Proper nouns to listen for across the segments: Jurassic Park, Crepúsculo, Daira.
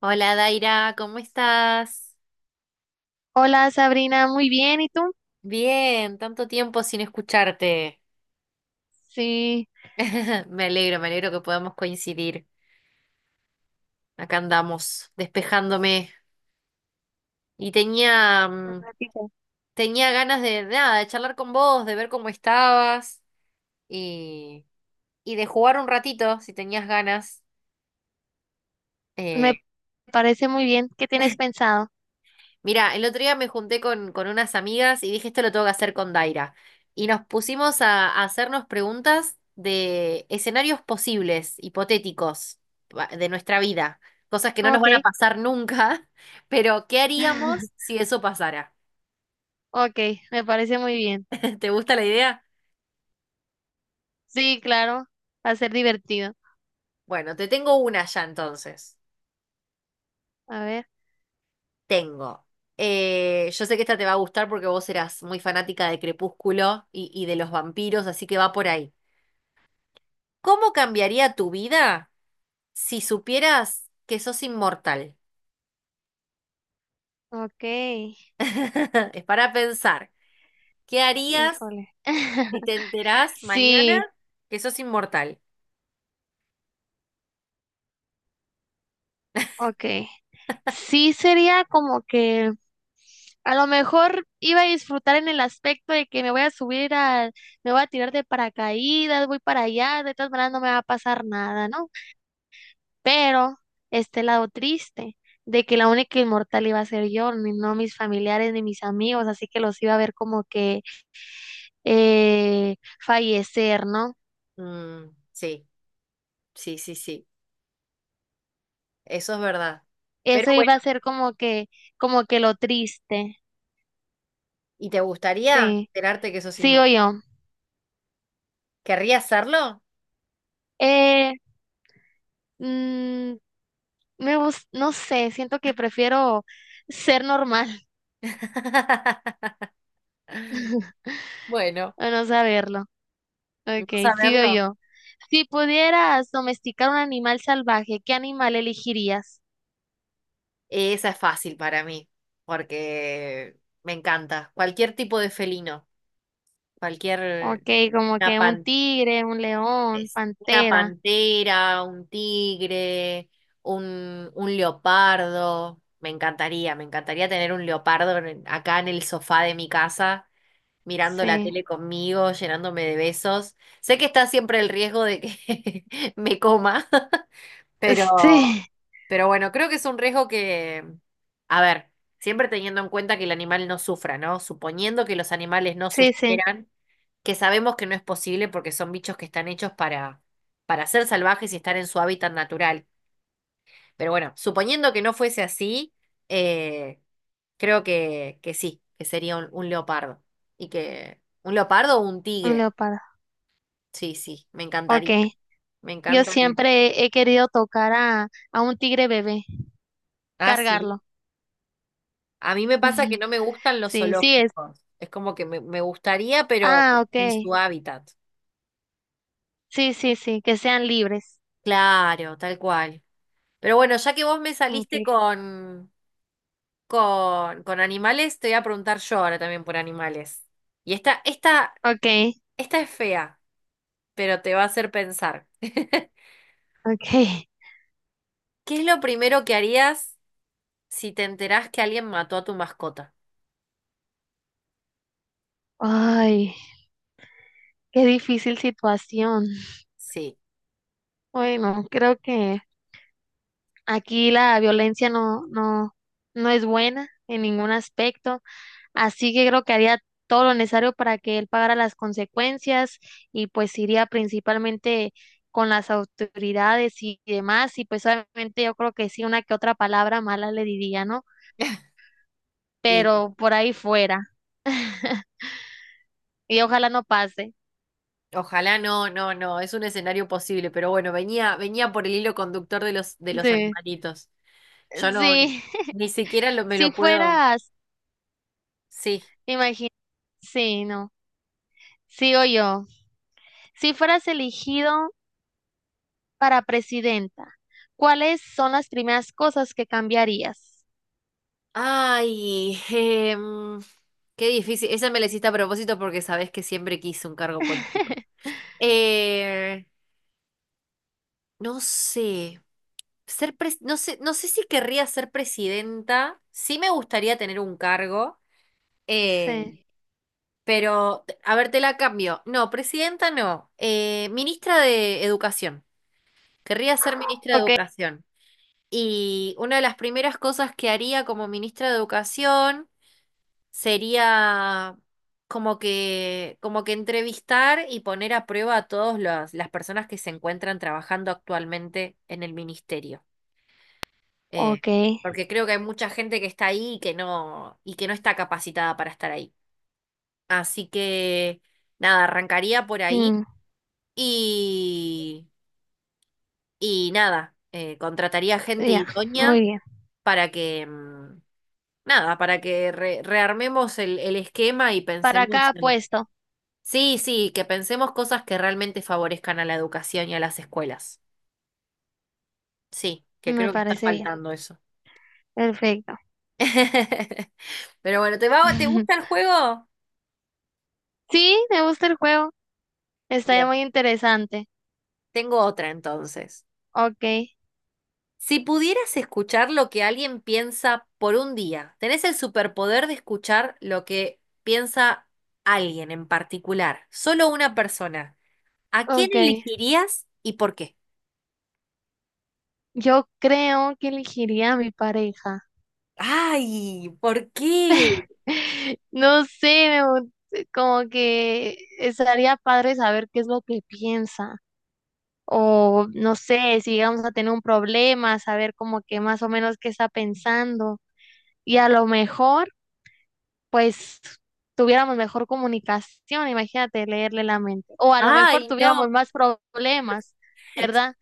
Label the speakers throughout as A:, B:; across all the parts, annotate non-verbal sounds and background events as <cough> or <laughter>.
A: Hola Daira, ¿cómo estás?
B: Hola Sabrina, muy bien, ¿y tú?
A: Bien, tanto tiempo sin escucharte.
B: Sí,
A: <laughs> Me alegro que podamos coincidir. Acá andamos, despejándome. Y tenía,
B: ratito.
A: tenía ganas de nada, de charlar con vos, de ver cómo estabas y, y de jugar un ratito, si tenías ganas.
B: Me
A: eh,
B: parece muy bien. ¿Qué tienes pensado?
A: Mira, el otro día me junté con unas amigas y dije, esto lo tengo que hacer con Daira. Y nos pusimos a hacernos preguntas de escenarios posibles, hipotéticos, de nuestra vida. Cosas que no nos van a
B: Ok.
A: pasar nunca, <laughs> pero ¿qué haríamos
B: <laughs>
A: si eso pasara?
B: Ok, me parece muy bien.
A: <laughs> ¿Te gusta la idea?
B: Sí, claro, va a ser divertido.
A: Bueno, te tengo una ya entonces.
B: A ver,
A: Tengo. Yo sé que esta te va a gustar porque vos eras muy fanática de Crepúsculo y de los vampiros, así que va por ahí. ¿Cómo cambiaría tu vida? Si supieras que sos inmortal,
B: ok,
A: <laughs> es para pensar, ¿qué harías
B: híjole.
A: si
B: <laughs>
A: te enterás mañana
B: Sí,
A: que sos inmortal?
B: ok. Sí, sería como que a lo mejor iba a disfrutar en el aspecto de que me voy a subir al, me voy a tirar de paracaídas, voy para allá, de todas maneras no me va a pasar nada, ¿no? Pero este lado triste de que la única inmortal iba a ser yo, ni no mis familiares ni mis amigos, así que los iba a ver como que eh, fallecer, ¿no?
A: Mm, sí, sí, sí, sí, eso es verdad.
B: Eso
A: Pero bueno,
B: iba a ser como que lo triste.
A: ¿y te gustaría
B: Sí,
A: enterarte que sos
B: sigo
A: inmortal?
B: yo.
A: ¿Querrías hacerlo?
B: Eh, mm, me gus- no sé, siento que prefiero ser normal
A: <laughs>
B: <laughs>
A: Bueno,
B: a no saberlo.
A: no
B: Ok, sigo
A: saberlo.
B: yo. Si pudieras domesticar un animal salvaje, ¿qué animal elegirías?
A: Esa es fácil para mí, porque me encanta. Cualquier tipo de felino,
B: Ok,
A: cualquier...
B: como
A: Una
B: que un tigre, un león,
A: es una
B: pantera.
A: pantera, un tigre, un leopardo. Me encantaría tener un leopardo acá en el sofá de mi casa, mirando la
B: Sí.
A: tele conmigo, llenándome de besos. Sé que está siempre el riesgo de que <laughs> me coma, <laughs> Pero,
B: <laughs> Sí,
A: pero bueno, creo que es un riesgo que, a ver, siempre teniendo en cuenta que el animal no sufra, ¿no? Suponiendo que los animales no
B: sí, sí,
A: sufrieran, que sabemos que no es posible porque son bichos que están hechos para ser salvajes y estar en su hábitat natural. Pero bueno, suponiendo que no fuese así, eh, creo que sí, que sería un leopardo. Y que, ¿un leopardo o un
B: un
A: tigre?
B: leopardo.
A: Sí, sí, me
B: Ok.
A: encantaría. Me
B: Yo
A: encantaría.
B: siempre he querido tocar a un tigre bebé,
A: Ah, sí.
B: cargarlo.
A: A mí me pasa que
B: <laughs>
A: no me gustan los
B: Sí, sí es.
A: zoológicos. Es como que me gustaría, pero
B: Ah,
A: en
B: ok.
A: su hábitat.
B: Sí, sí, sí, que sean libres.
A: Claro, tal cual. Pero bueno, ya que vos me
B: Ok,
A: saliste con, con animales, te voy a preguntar yo ahora también por animales. Y esta, esta,
B: okay,
A: esta es fea, pero te va a hacer pensar. <laughs> ¿Qué
B: okay.
A: es lo primero que harías si te enterás que alguien mató a tu mascota?
B: Ay, qué difícil situación.
A: Sí.
B: Bueno, creo que aquí la violencia no, no, no es buena en ningún aspecto. Así que creo que haría todo lo necesario para que él pagara las consecuencias y pues iría principalmente con las autoridades y demás y pues obviamente yo creo que sí una que otra palabra mala le diría, ¿no?
A: <laughs> Y
B: Pero por ahí fuera. <laughs> Y ojalá no pase.
A: ojalá no, no, no, es un escenario posible, pero bueno, venía, venía por el hilo conductor de los
B: Sí.
A: animalitos. Yo no,
B: Sí. <laughs>
A: ni siquiera lo, me
B: Si
A: lo puedo.
B: fueras,
A: Sí.
B: imagínate, sí, no. Sigo yo. Si fueras elegido para presidenta, ¿cuáles son las primeras cosas que cambiarías?
A: Ay, qué difícil. Esa me la hiciste a propósito porque sabés que siempre quise un cargo político.
B: <laughs>
A: Eh, no sé. No sé, no sé si querría ser presidenta. Sí me gustaría tener un cargo. eh,
B: Sí.
A: Pero, a ver, te la cambio. No, presidenta no. Ministra de Educación. Querría ser ministra de
B: Ok.
A: Educación. Y una de las primeras cosas que haría como ministra de Educación sería como que entrevistar y poner a prueba a todas las personas que se encuentran trabajando actualmente en el ministerio. Eh,
B: Ok.
A: Porque creo que hay mucha gente que está ahí y que no está capacitada para estar ahí. Así que, nada, arrancaría por ahí.
B: Mm,
A: Y, y nada, contrataría gente
B: ya, muy
A: idónea
B: bien.
A: para que, nada, para que rearmemos el esquema y
B: Para cada
A: pensemos en...
B: puesto,
A: Sí, sí, que pensemos cosas que realmente favorezcan a la educación y a las escuelas. Sí, que
B: me
A: creo que está
B: parece bien.
A: faltando eso.
B: Perfecto.
A: <laughs> Pero bueno, ¿te va, te gusta el
B: <laughs>
A: juego?
B: Sí, me gusta el juego. Está
A: Bien.
B: muy interesante.
A: Tengo otra entonces.
B: Ok,
A: Si pudieras escuchar lo que alguien piensa por un día, tenés el superpoder de escuchar lo que piensa alguien en particular, solo una persona. ¿A quién
B: ok.
A: elegirías y por qué?
B: Yo creo que elegiría a mi pareja.
A: Ay, ¿por qué?
B: <laughs> No sé, me gu- como que estaría padre saber qué es lo que piensa. O no sé, si vamos a tener un problema, saber como que más o menos qué está pensando. Y a lo mejor pues tuviéramos mejor comunicación, imagínate leerle la mente. O a lo mejor
A: Ay, no.
B: tuviéramos más problemas, ¿verdad?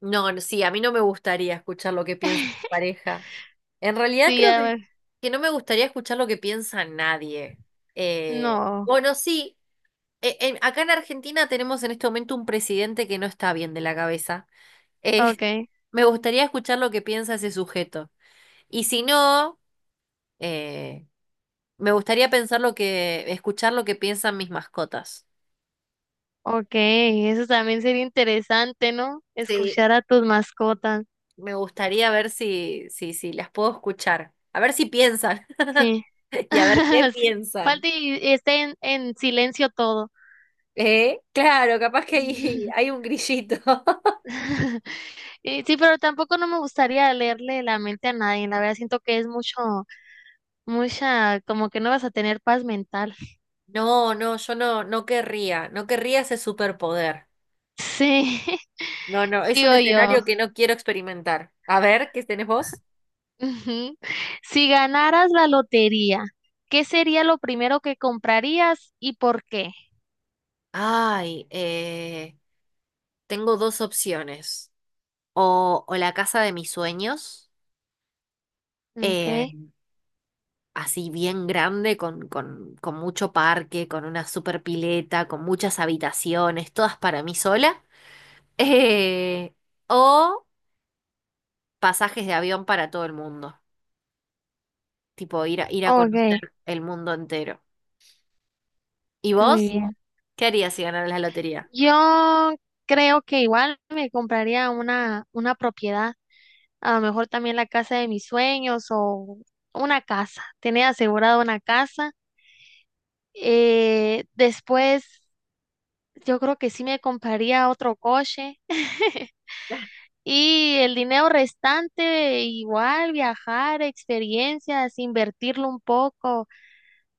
A: No, no, sí, a mí no me gustaría escuchar lo que piensa mi
B: <laughs>
A: pareja. En realidad
B: Sí,
A: creo
B: a ver,
A: que no me gustaría escuchar lo que piensa nadie.
B: no,
A: Bueno, sí. Acá en Argentina tenemos en este momento un presidente que no está bien de la cabeza. Eh,
B: ok,
A: <laughs> me gustaría escuchar lo que piensa ese sujeto. Y si no, eh, me gustaría pensar lo que, escuchar lo que piensan mis mascotas.
B: ok, eso también sería interesante, ¿no?
A: Sí,
B: Escuchar a tus mascotas,
A: me gustaría ver si, si, si las puedo escuchar. A ver si piensan. <laughs>
B: sí.
A: Y a ver qué
B: <laughs> Sí.
A: piensan.
B: Falta y esté en silencio todo.
A: ¿Eh? Claro, capaz que hay, <laughs> hay un grillito. <laughs>
B: <laughs> Y sí, pero tampoco no me gustaría leerle la mente a nadie, la verdad siento que es mucho, mucha, como que no vas a tener paz mental.
A: No, no, yo no, no querría, no querría ese superpoder.
B: Sí,
A: No,
B: <laughs>
A: no, es un
B: sigo yo.
A: escenario que no quiero experimentar. A ver, ¿qué tenés vos?
B: Ujú. Si ganaras la lotería, ¿qué sería lo primero que comprarías y por qué?
A: Ay, tengo dos opciones. O la casa de mis sueños, eh,
B: Okay,
A: así bien grande, con mucho parque, con una super pileta, con muchas habitaciones, todas para mí sola. <laughs> Eh, o pasajes de avión para todo el mundo, tipo ir a, ir a
B: okay,
A: conocer el mundo entero. ¿Y
B: muy
A: vos?
B: bien.
A: ¿Qué harías si ganaras la lotería?
B: Yo creo que igual me compraría una propiedad, a lo mejor también la casa de mis sueños o una casa, tener asegurada una casa. Después, yo creo que sí me compraría otro coche. <laughs> Y el dinero restante, igual viajar, experiencias, invertirlo un poco,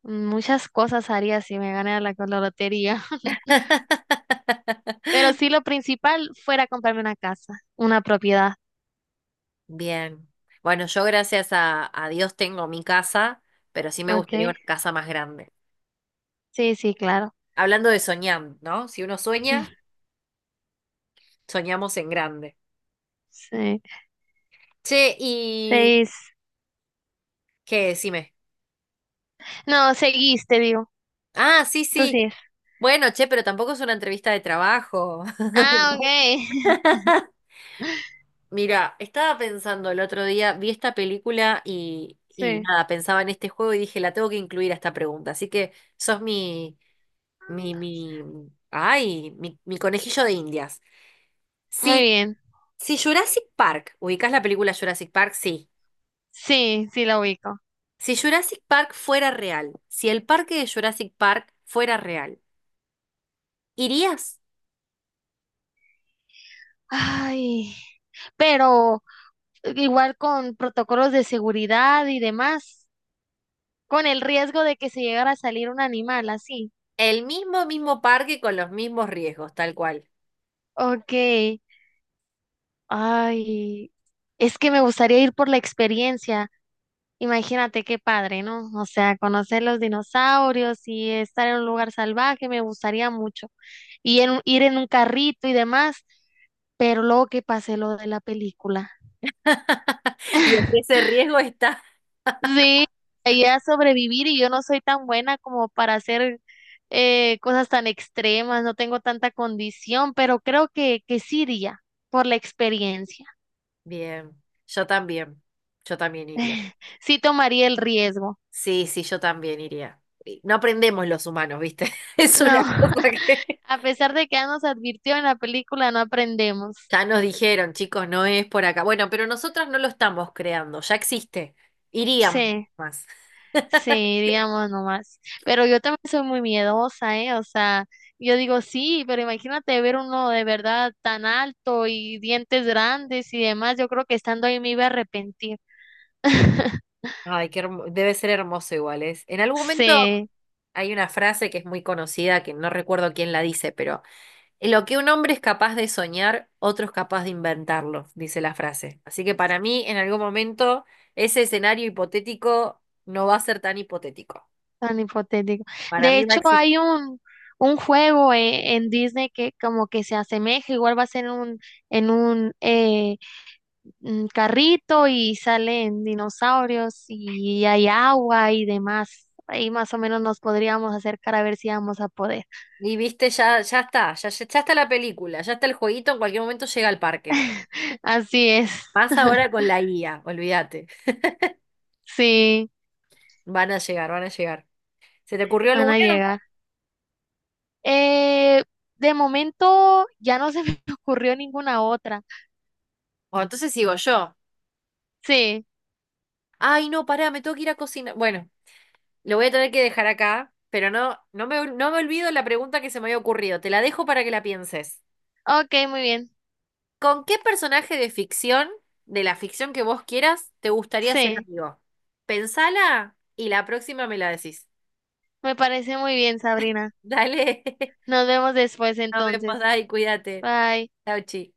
B: muchas cosas haría si me ganara la, la lotería. <laughs> Pero
A: <laughs>
B: sí, lo principal fuera comprarme una casa, una propiedad.
A: Bien. Bueno, yo gracias a Dios tengo mi casa, pero sí me
B: ¿Ok?
A: gustaría una casa más grande.
B: Sí, sí, claro.
A: Hablando de soñar, ¿no? Si uno sueña,
B: <laughs>
A: soñamos en grande.
B: Sí,
A: Che, y...
B: 6.
A: ¿Qué? Decime.
B: No, seguiste, digo.
A: Ah, sí,
B: Tú
A: sí.
B: sí.
A: Bueno, che, pero tampoco es una entrevista de trabajo.
B: Ah, ok. <laughs>
A: <laughs> Mira, estaba pensando el otro día, vi esta película y
B: Sí,
A: nada, pensaba en este juego y dije, la tengo que incluir a esta pregunta. Así que sos mi, mi, mi, ay, mi conejillo de Indias.
B: muy
A: Si
B: bien.
A: Si Jurassic Park, ubicás la película Jurassic Park, sí.
B: Sí, sí la ubico.
A: Si Jurassic Park fuera real, si el parque de Jurassic Park fuera real, ¿irías?
B: Ay, pero igual con protocolos de seguridad y demás. Con el riesgo de que se llegara a salir un animal así.
A: El mismo, mismo parque con los mismos riesgos, tal cual.
B: Ok. Ay, es que me gustaría ir por la experiencia. Imagínate qué padre, ¿no? O sea, conocer los dinosaurios y estar en un lugar salvaje, me gustaría mucho. Y en un- ir en un carrito y demás, pero luego que pase lo de la película.
A: <laughs> Y es que
B: <laughs>
A: ese riesgo está. <laughs>
B: Sí, ella a sobrevivir y yo no soy tan buena como para hacer cosas tan extremas, no tengo tanta condición, pero creo que sí iría por la experiencia.
A: Bien, yo también, yo también iría.
B: <laughs> Sí tomaría el riesgo.
A: Sí, sí, yo también iría. No aprendemos los humanos, ¿viste? <laughs> Es una
B: No,
A: cosa
B: <laughs>
A: que...
B: a pesar de que ya nos advirtió en la película, no aprendemos.
A: Ya nos dijeron, chicos, no es por acá. Bueno, pero nosotras no lo estamos creando, ya existe. Iríamos
B: Sí.
A: más. <laughs>
B: Sí, digamos nomás. Pero yo también soy muy miedosa, ¿eh? O sea, yo digo sí, pero imagínate ver uno de verdad tan alto y dientes grandes y demás. Yo creo que estando ahí me iba a arrepentir. <laughs>
A: Ay, debe ser hermoso igual, es. En algún momento
B: Sí,
A: hay una frase que es muy conocida, que no recuerdo quién la dice, pero lo que un hombre es capaz de soñar, otro es capaz de inventarlo, dice la frase. Así que para mí, en algún momento, ese escenario hipotético no va a ser tan hipotético.
B: tan hipotético.
A: Para
B: De
A: mí va a
B: hecho,
A: existir.
B: hay un juego en Disney que como que se asemeja, igual va a ser un, en un carrito y salen dinosaurios y hay agua y demás. Ahí más o menos nos podríamos acercar a ver si vamos a poder.
A: Y viste, ya, ya está, ya, ya está la película, ya está el jueguito, en cualquier momento llega al parque.
B: <laughs> Así es,
A: Más ahora con la IA, olvídate.
B: sí,
A: Van a llegar, van a llegar. ¿Se te ocurrió
B: van a
A: alguna?
B: llegar. Eh, de momento ya no se me <laughs> ocurrió ninguna otra.
A: O entonces sigo yo.
B: Sí,
A: Ay, no, pará, me tengo que ir a cocinar. Bueno, lo voy a tener que dejar acá, pero no, no me, no me olvido la pregunta que se me había ocurrido. Te la dejo para que la pienses.
B: ok, muy bien.
A: ¿Con qué personaje de ficción, de la ficción que vos quieras, te gustaría ser
B: Sí,
A: amigo? Pensala y la próxima me la decís.
B: me parece muy bien, Sabrina.
A: Dale, <laughs>
B: Nos vemos después
A: nos vemos,
B: entonces.
A: Dai, cuídate.
B: Bye.
A: Chau, chi.